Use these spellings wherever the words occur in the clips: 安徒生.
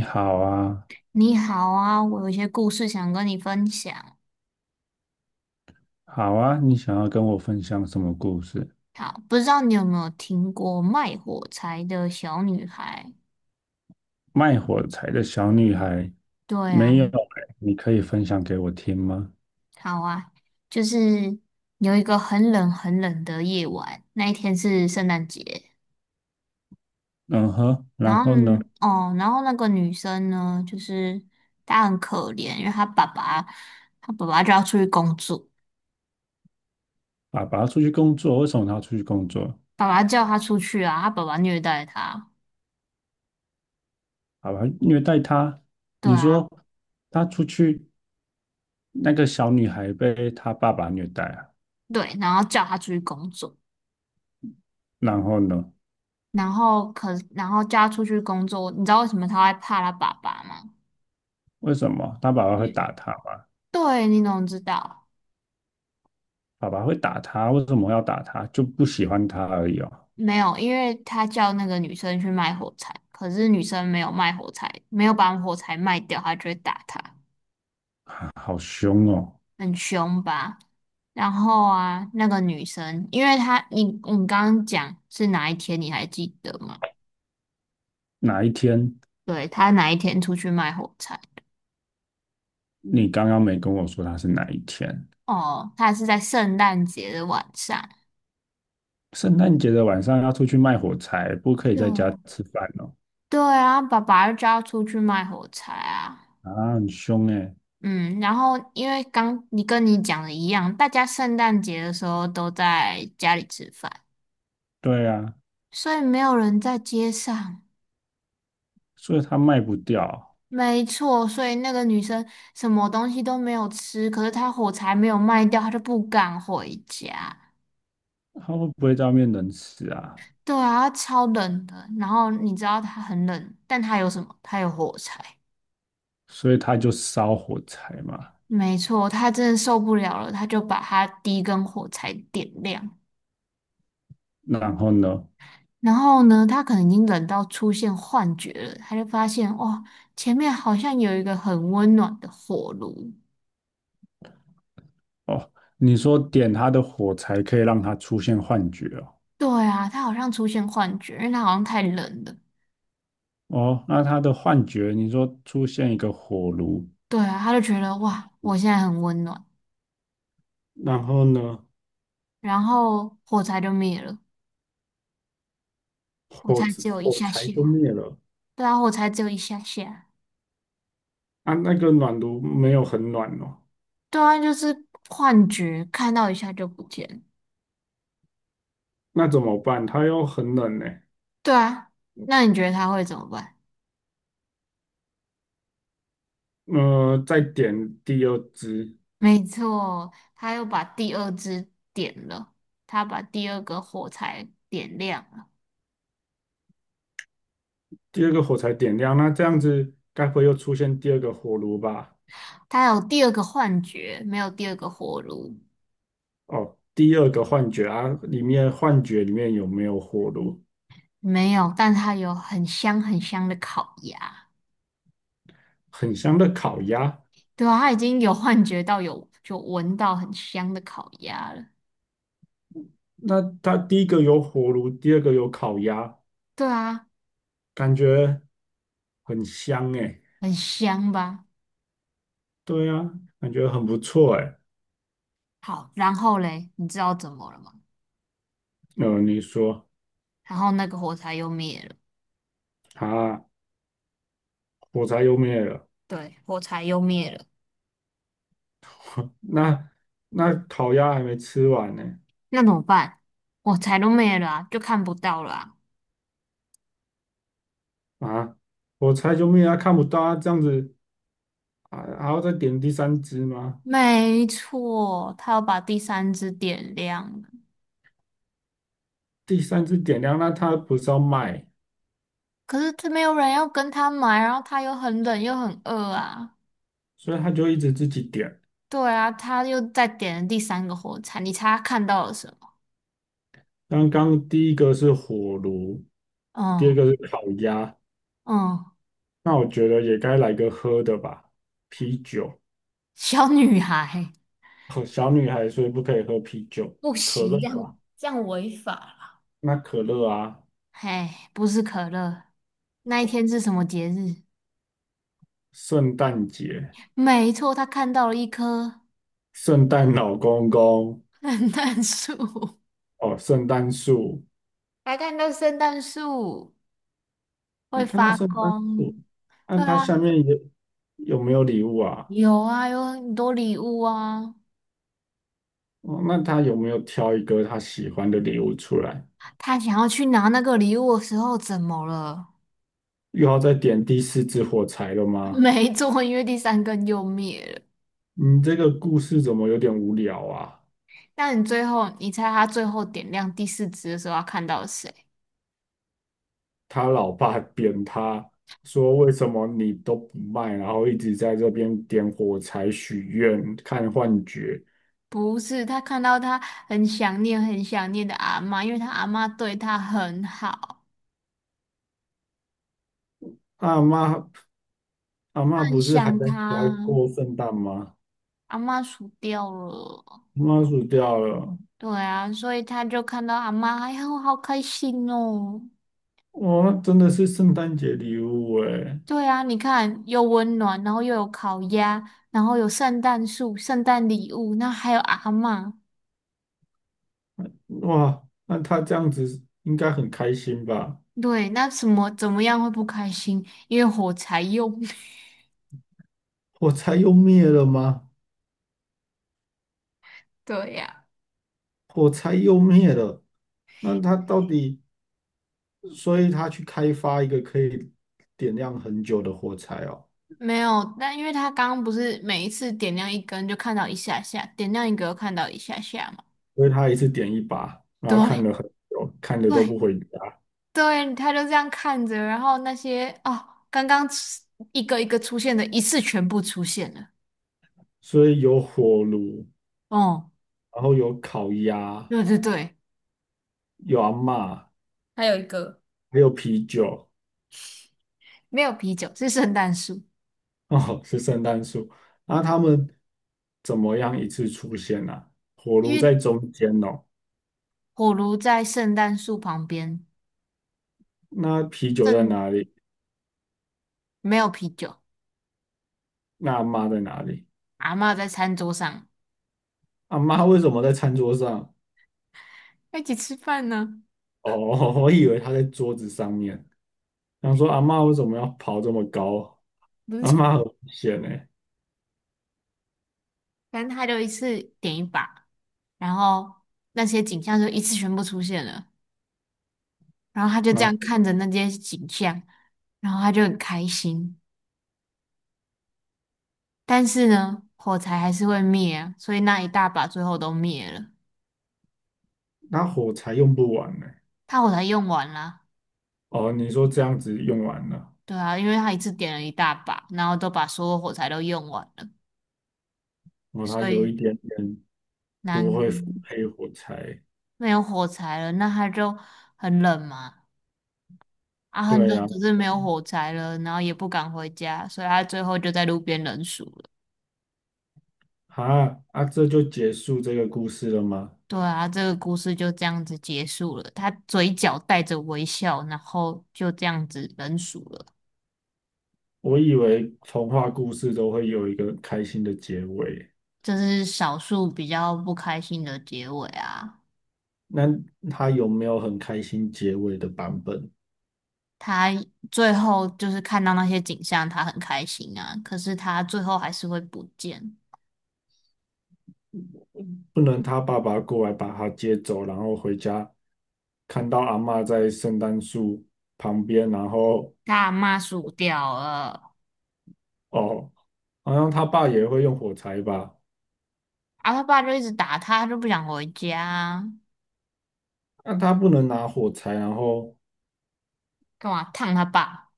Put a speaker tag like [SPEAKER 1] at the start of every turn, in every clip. [SPEAKER 1] 你好啊，
[SPEAKER 2] 你好啊，我有一些故事想跟你分享。
[SPEAKER 1] 好啊，你想要跟我分享什么故事？
[SPEAKER 2] 好，不知道你有没有听过卖火柴的小女孩？
[SPEAKER 1] 卖火柴的小女孩，
[SPEAKER 2] 对啊，
[SPEAKER 1] 没有欸，你可以分享给我听吗？
[SPEAKER 2] 好啊，就是有一个很冷很冷的夜晚，那一天是圣诞节。
[SPEAKER 1] 嗯哼，
[SPEAKER 2] 然
[SPEAKER 1] 然
[SPEAKER 2] 后
[SPEAKER 1] 后
[SPEAKER 2] 呢
[SPEAKER 1] 呢？
[SPEAKER 2] 哦，然后那个女生呢，她很可怜，因为她爸爸，她爸爸就要出去工作，
[SPEAKER 1] 爸爸出去工作，为什么他要出去工作？
[SPEAKER 2] 爸爸叫她出去啊，她爸爸虐待她，
[SPEAKER 1] 爸爸虐待他。
[SPEAKER 2] 对
[SPEAKER 1] 你
[SPEAKER 2] 啊，
[SPEAKER 1] 说他出去，那个小女孩被他爸爸虐待啊？
[SPEAKER 2] 对，然后叫她出去工作。
[SPEAKER 1] 然后呢？
[SPEAKER 2] 然后然后叫他出去工作，你知道为什么他会怕他爸爸吗？
[SPEAKER 1] 为什么他爸爸会
[SPEAKER 2] 嗯，
[SPEAKER 1] 打他吗？
[SPEAKER 2] 对，你怎么知道？
[SPEAKER 1] 爸爸会打他，为什么要打他？就不喜欢他而已哦，
[SPEAKER 2] 没有，因为他叫那个女生去卖火柴，可是女生没有卖火柴，没有把火柴卖掉，他就会打他，
[SPEAKER 1] 啊好凶哦。
[SPEAKER 2] 很凶吧？然后啊，那个女生，因为她，你刚刚讲是哪一天，你还记得吗？
[SPEAKER 1] 哪一天？
[SPEAKER 2] 对，她哪一天出去卖火柴？
[SPEAKER 1] 你刚刚没跟我说他是哪一天？
[SPEAKER 2] 哦，她是在圣诞节的晚上。
[SPEAKER 1] 圣诞节的晚上要出去卖火柴，不可以在家
[SPEAKER 2] 对，
[SPEAKER 1] 吃饭哦。
[SPEAKER 2] 对啊，爸爸就叫出去卖火柴啊。
[SPEAKER 1] 啊，很凶诶。
[SPEAKER 2] 嗯，然后因为刚你跟你讲的一样，大家圣诞节的时候都在家里吃饭，
[SPEAKER 1] 对啊，
[SPEAKER 2] 所以没有人在街上。
[SPEAKER 1] 所以他卖不掉，
[SPEAKER 2] 没错，所以那个女生什么东西都没有吃，可是她火柴没有卖掉，她就不敢回家。
[SPEAKER 1] 他会不会在外面冷死啊？
[SPEAKER 2] 对啊，她超冷的。然后你知道她很冷，但她有什么？她有火柴。
[SPEAKER 1] 所以他就烧火柴嘛。
[SPEAKER 2] 没错，她真的受不了了，她就把她第一根火柴点亮。
[SPEAKER 1] 然后呢？
[SPEAKER 2] 然后呢，他可能已经冷到出现幻觉了，他就发现哇，前面好像有一个很温暖的火炉。
[SPEAKER 1] 哦，你说点他的火柴可以让他出现幻觉哦。
[SPEAKER 2] 对啊，他好像出现幻觉，因为他好像太冷了。
[SPEAKER 1] 哦，那他的幻觉，你说出现一个火炉，
[SPEAKER 2] 对啊，他就觉得哇，我现在很温暖，
[SPEAKER 1] 然后呢，
[SPEAKER 2] 然后火柴就灭了，火
[SPEAKER 1] 火
[SPEAKER 2] 柴
[SPEAKER 1] 子
[SPEAKER 2] 只有一
[SPEAKER 1] 火
[SPEAKER 2] 下
[SPEAKER 1] 柴
[SPEAKER 2] 下。
[SPEAKER 1] 就灭了
[SPEAKER 2] 对啊，火柴只有一下下。
[SPEAKER 1] 啊，那个暖炉没有很暖哦。
[SPEAKER 2] 对啊，幻觉，看到一下就不见了。
[SPEAKER 1] 那怎么办？它又很冷呢、
[SPEAKER 2] 对啊，那你觉得他会怎么办？
[SPEAKER 1] 嗯，再点第二支，
[SPEAKER 2] 没错，他又把第二支点了，他把第二个火柴点亮了。
[SPEAKER 1] 第二个火柴点亮，那这样子该不会又出现第二个火炉吧？
[SPEAKER 2] 他有第二个幻觉，没有第二个火炉，
[SPEAKER 1] 哦，第二个幻觉啊，里面幻觉里面有没有火炉？
[SPEAKER 2] 没有，但他有很香很香的烤鸭。
[SPEAKER 1] 很香的烤鸭。
[SPEAKER 2] 对啊，他已经有幻觉到有闻到很香的烤鸭了。
[SPEAKER 1] 那它第一个有火炉，第二个有烤鸭，
[SPEAKER 2] 对啊，
[SPEAKER 1] 感觉很香诶。
[SPEAKER 2] 很香吧？
[SPEAKER 1] 对啊，感觉很不错诶。
[SPEAKER 2] 好，然后嘞，你知道怎么了吗？
[SPEAKER 1] 嗯，你说
[SPEAKER 2] 然后那个火柴又灭了，
[SPEAKER 1] 啊，火柴又灭了，
[SPEAKER 2] 对，火柴又灭了，
[SPEAKER 1] 那那烤鸭还没吃完呢。
[SPEAKER 2] 那怎么办？火柴都灭了啊，就看不到了啊。
[SPEAKER 1] 啊，我猜救命啊！看不到啊，这样子啊，还要再点第三只吗？
[SPEAKER 2] 没错，他要把第三支点亮。
[SPEAKER 1] 第三只点亮，那它不是要卖，
[SPEAKER 2] 可是这没有人要跟他买，然后他又很冷又很饿啊。
[SPEAKER 1] 所以它就一直自己点。
[SPEAKER 2] 对啊，他又再点了第三个火柴，你猜他看到了什么？
[SPEAKER 1] 刚刚第一个是火炉，第二
[SPEAKER 2] 嗯。
[SPEAKER 1] 个是烤鸭，
[SPEAKER 2] 嗯，
[SPEAKER 1] 那我觉得也该来个喝的吧，啤酒。
[SPEAKER 2] 小女孩，
[SPEAKER 1] 和小女孩所以不可以喝啤酒，
[SPEAKER 2] 不
[SPEAKER 1] 可乐
[SPEAKER 2] 行，这样
[SPEAKER 1] 吧？
[SPEAKER 2] 这样违法了。
[SPEAKER 1] 那可乐啊，
[SPEAKER 2] 嘿，不是可乐，那一天是什么节日？
[SPEAKER 1] 圣诞节，
[SPEAKER 2] 没错，他看到了一棵
[SPEAKER 1] 圣诞老公公，
[SPEAKER 2] 圣诞树，
[SPEAKER 1] 哦，圣诞树。
[SPEAKER 2] 还看到圣诞树会
[SPEAKER 1] 那看到
[SPEAKER 2] 发
[SPEAKER 1] 圣诞树，
[SPEAKER 2] 光。
[SPEAKER 1] 那
[SPEAKER 2] 对
[SPEAKER 1] 他
[SPEAKER 2] 啊，
[SPEAKER 1] 下面有有没有礼物啊？
[SPEAKER 2] 有啊，有很多礼物啊。
[SPEAKER 1] 哦，那他有没有挑一个他喜欢的礼物出来？
[SPEAKER 2] 他想要去拿那个礼物的时候，怎么了？
[SPEAKER 1] 又要再点第四支火柴了 吗？
[SPEAKER 2] 没做，因为第三根又灭了。
[SPEAKER 1] 你这个故事怎么有点无聊啊？
[SPEAKER 2] 但你最后，你猜他最后点亮第四支的时候，他看到谁？
[SPEAKER 1] 他老爸扁他说：“为什么你都不卖，然后一直在这边点火柴许愿、看幻觉？”
[SPEAKER 2] 不是，他看到他很想念、很想念的阿嬷，因为他阿嬷对他很好，
[SPEAKER 1] 阿妈阿
[SPEAKER 2] 他
[SPEAKER 1] 妈
[SPEAKER 2] 很
[SPEAKER 1] 不是还
[SPEAKER 2] 想
[SPEAKER 1] 在家
[SPEAKER 2] 他。
[SPEAKER 1] 过圣诞吗？
[SPEAKER 2] 阿嬷死掉了，
[SPEAKER 1] 阿妈死掉了，
[SPEAKER 2] 对啊，所以他就看到阿嬷，哎呀，我好开心哦。
[SPEAKER 1] 哇，那真的是圣诞节礼物诶。
[SPEAKER 2] 对啊，你看又温暖，然后又有烤鸭，然后有圣诞树、圣诞礼物，那还有阿嬷。
[SPEAKER 1] 哇，那他这样子应该很开心吧？
[SPEAKER 2] 对，那怎么样会不开心？因为火柴用
[SPEAKER 1] 火柴又灭了吗？
[SPEAKER 2] 对呀、
[SPEAKER 1] 火柴又灭了，那他到底，所以他去开发一个可以点亮很久的火柴哦，
[SPEAKER 2] 没有，但因为他刚刚不是每一次点亮一根就看到一下下，点亮一个又看到一下下嘛。
[SPEAKER 1] 所以他一次点一把，然
[SPEAKER 2] 对
[SPEAKER 1] 后
[SPEAKER 2] 哦，
[SPEAKER 1] 看了很久，看的都
[SPEAKER 2] 对
[SPEAKER 1] 不回家，
[SPEAKER 2] 对，他就这样看着，然后那些哦，刚刚出一个一个出现的，一次全部出现了。
[SPEAKER 1] 所以有火炉，
[SPEAKER 2] 哦，
[SPEAKER 1] 然后有烤鸭，
[SPEAKER 2] 对，
[SPEAKER 1] 有阿嬷，
[SPEAKER 2] 还有一个
[SPEAKER 1] 还有啤酒，
[SPEAKER 2] 没有啤酒，是圣诞树。
[SPEAKER 1] 哦，是圣诞树。那他们怎么样一次出现呢、啊？火
[SPEAKER 2] 因
[SPEAKER 1] 炉在
[SPEAKER 2] 为
[SPEAKER 1] 中间哦。
[SPEAKER 2] 火炉在圣诞树旁边，
[SPEAKER 1] 那啤酒在
[SPEAKER 2] 正
[SPEAKER 1] 哪里？
[SPEAKER 2] 没有啤酒，
[SPEAKER 1] 那阿妈在哪里？
[SPEAKER 2] 阿嬷在餐桌上
[SPEAKER 1] 阿妈为什么在餐桌上？
[SPEAKER 2] 要一起吃饭呢，
[SPEAKER 1] 哦，我以为她在桌子上面。想说阿妈为什么要跑这么高？
[SPEAKER 2] 不
[SPEAKER 1] 阿
[SPEAKER 2] 是，
[SPEAKER 1] 妈很危险呢、
[SPEAKER 2] 反正他就一次点一把，然后那些景象就一次全部出现了，然后他就这样
[SPEAKER 1] 那
[SPEAKER 2] 看着那些景象，然后他就很开心，但是呢，火柴还是会灭啊，所以那一大把最后都灭了，
[SPEAKER 1] 那火柴用不完呢、
[SPEAKER 2] 他火柴用完了，
[SPEAKER 1] 哦，你说这样子用完了，
[SPEAKER 2] 对啊，因为他一次点了一大把，然后都把所有火柴都用完了，
[SPEAKER 1] 哦，他
[SPEAKER 2] 所
[SPEAKER 1] 有一
[SPEAKER 2] 以
[SPEAKER 1] 点点
[SPEAKER 2] 难
[SPEAKER 1] 不
[SPEAKER 2] 过。
[SPEAKER 1] 会分配火柴。
[SPEAKER 2] 没有火柴了，那他就很冷嘛，啊，很
[SPEAKER 1] 对
[SPEAKER 2] 冷，
[SPEAKER 1] 呀、
[SPEAKER 2] 可是没有火柴了，然后也不敢回家，所以他最后就在路边冷死了。
[SPEAKER 1] 啊，啊啊，这就结束这个故事了吗？
[SPEAKER 2] 对啊，这个故事就这样子结束了。他嘴角带着微笑，然后就这样子冷死了。
[SPEAKER 1] 我以为童话故事都会有一个开心的结尾。
[SPEAKER 2] 这是少数比较不开心的结尾啊。
[SPEAKER 1] 那他有没有很开心结尾的版本？
[SPEAKER 2] 他最后就是看到那些景象，他很开心啊，可是他最后还是会不见。
[SPEAKER 1] 不能他爸爸过来把他接走，然后回家看到阿嬷在圣诞树旁边，然后
[SPEAKER 2] 他阿嬷死掉了，
[SPEAKER 1] 哦，好像他爸也会用火柴吧？
[SPEAKER 2] 啊，他爸就一直打他，他就不想回家啊。
[SPEAKER 1] 那他不能拿火柴，然后
[SPEAKER 2] 干嘛烫他爸？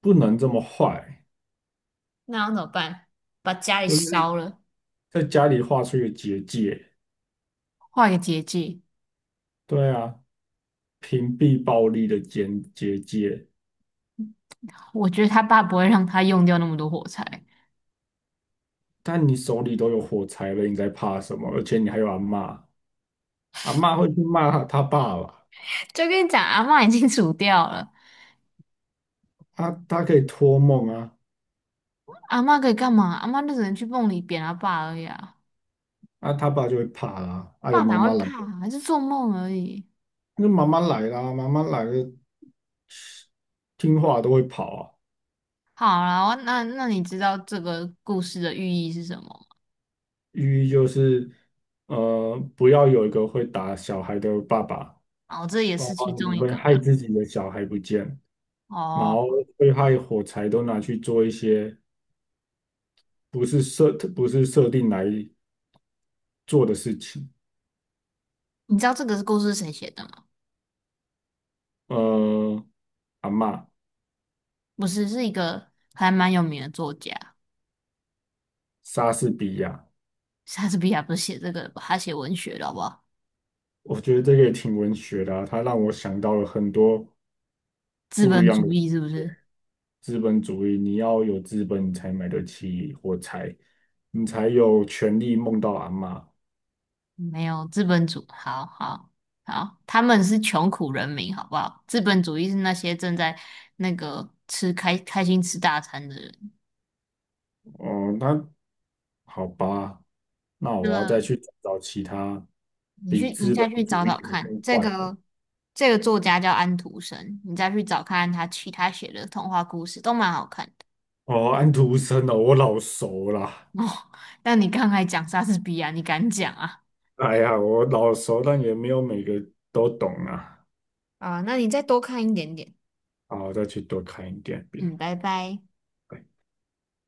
[SPEAKER 1] 不能这么坏，
[SPEAKER 2] 那要怎么办？把家里
[SPEAKER 1] 就是
[SPEAKER 2] 烧了，
[SPEAKER 1] 在家里画出一个结界。
[SPEAKER 2] 画一个结界。
[SPEAKER 1] 对啊，屏蔽暴力的结界。
[SPEAKER 2] 我觉得他爸不会让他用掉那么多火柴。
[SPEAKER 1] 但你手里都有火柴了，你在怕什么？而且你还有阿嬷，阿嬷会去骂他爸吧。
[SPEAKER 2] 就跟你讲，阿嬷已经煮掉了，
[SPEAKER 1] 啊，他可以托梦啊，
[SPEAKER 2] 阿嬷可以干嘛？阿嬷就只能去梦里扁他爸而已啊。
[SPEAKER 1] 啊，他爸就会怕啦、啊，有
[SPEAKER 2] 爸
[SPEAKER 1] 妈
[SPEAKER 2] 哪会
[SPEAKER 1] 妈来了，
[SPEAKER 2] 怕啊？还是做梦而已。
[SPEAKER 1] 那妈妈来啦、妈妈来了，听话都会跑啊。
[SPEAKER 2] 好啦，我那你知道这个故事的寓意是什么吗？
[SPEAKER 1] 寓意就是，不要有一个会打小孩的爸爸，
[SPEAKER 2] 哦，这也
[SPEAKER 1] 包
[SPEAKER 2] 是
[SPEAKER 1] 括
[SPEAKER 2] 其中
[SPEAKER 1] 你
[SPEAKER 2] 一
[SPEAKER 1] 会
[SPEAKER 2] 个
[SPEAKER 1] 害
[SPEAKER 2] 啦。
[SPEAKER 1] 自己的小孩不见，然
[SPEAKER 2] 哦，
[SPEAKER 1] 后会害火柴都拿去做一些不是设定来做的事情。
[SPEAKER 2] 你知道这个故事是谁写的吗？
[SPEAKER 1] 呃，阿嬷，
[SPEAKER 2] 不是，是一个还蛮有名的作家，
[SPEAKER 1] 莎士比亚
[SPEAKER 2] 莎士比亚不是写这个的吧？他写文学的好不好？
[SPEAKER 1] 我觉得这个也挺文学的啊，它让我想到了很多
[SPEAKER 2] 资
[SPEAKER 1] 不一
[SPEAKER 2] 本
[SPEAKER 1] 样
[SPEAKER 2] 主
[SPEAKER 1] 的
[SPEAKER 2] 义是不
[SPEAKER 1] 点
[SPEAKER 2] 是？
[SPEAKER 1] 资本主义。你要有资本，你才买得起火柴，你才有权利梦到阿嬷。
[SPEAKER 2] 没有资本主，好，他们是穷苦人民，好不好？资本主义是那些正在吃开心吃大餐的人。
[SPEAKER 1] 哦、那好吧，那
[SPEAKER 2] 那
[SPEAKER 1] 我要再
[SPEAKER 2] 个
[SPEAKER 1] 去找其他
[SPEAKER 2] 你
[SPEAKER 1] 比
[SPEAKER 2] 去，你
[SPEAKER 1] 资本
[SPEAKER 2] 再去找
[SPEAKER 1] 主
[SPEAKER 2] 找
[SPEAKER 1] 义还更
[SPEAKER 2] 看，
[SPEAKER 1] 坏的。
[SPEAKER 2] 这个作家叫安徒生，你再去找看他其他写的童话故事都蛮好看的。
[SPEAKER 1] 哦，安徒生哦，我老熟 啦。
[SPEAKER 2] 哦，那你刚才讲莎士比亚，你敢讲啊？
[SPEAKER 1] 哎呀，我老熟，但也没有每个都懂啊。
[SPEAKER 2] 啊，那你再多看一点点。
[SPEAKER 1] 好，我再去多看一点遍。
[SPEAKER 2] 嗯，拜拜。
[SPEAKER 1] 拜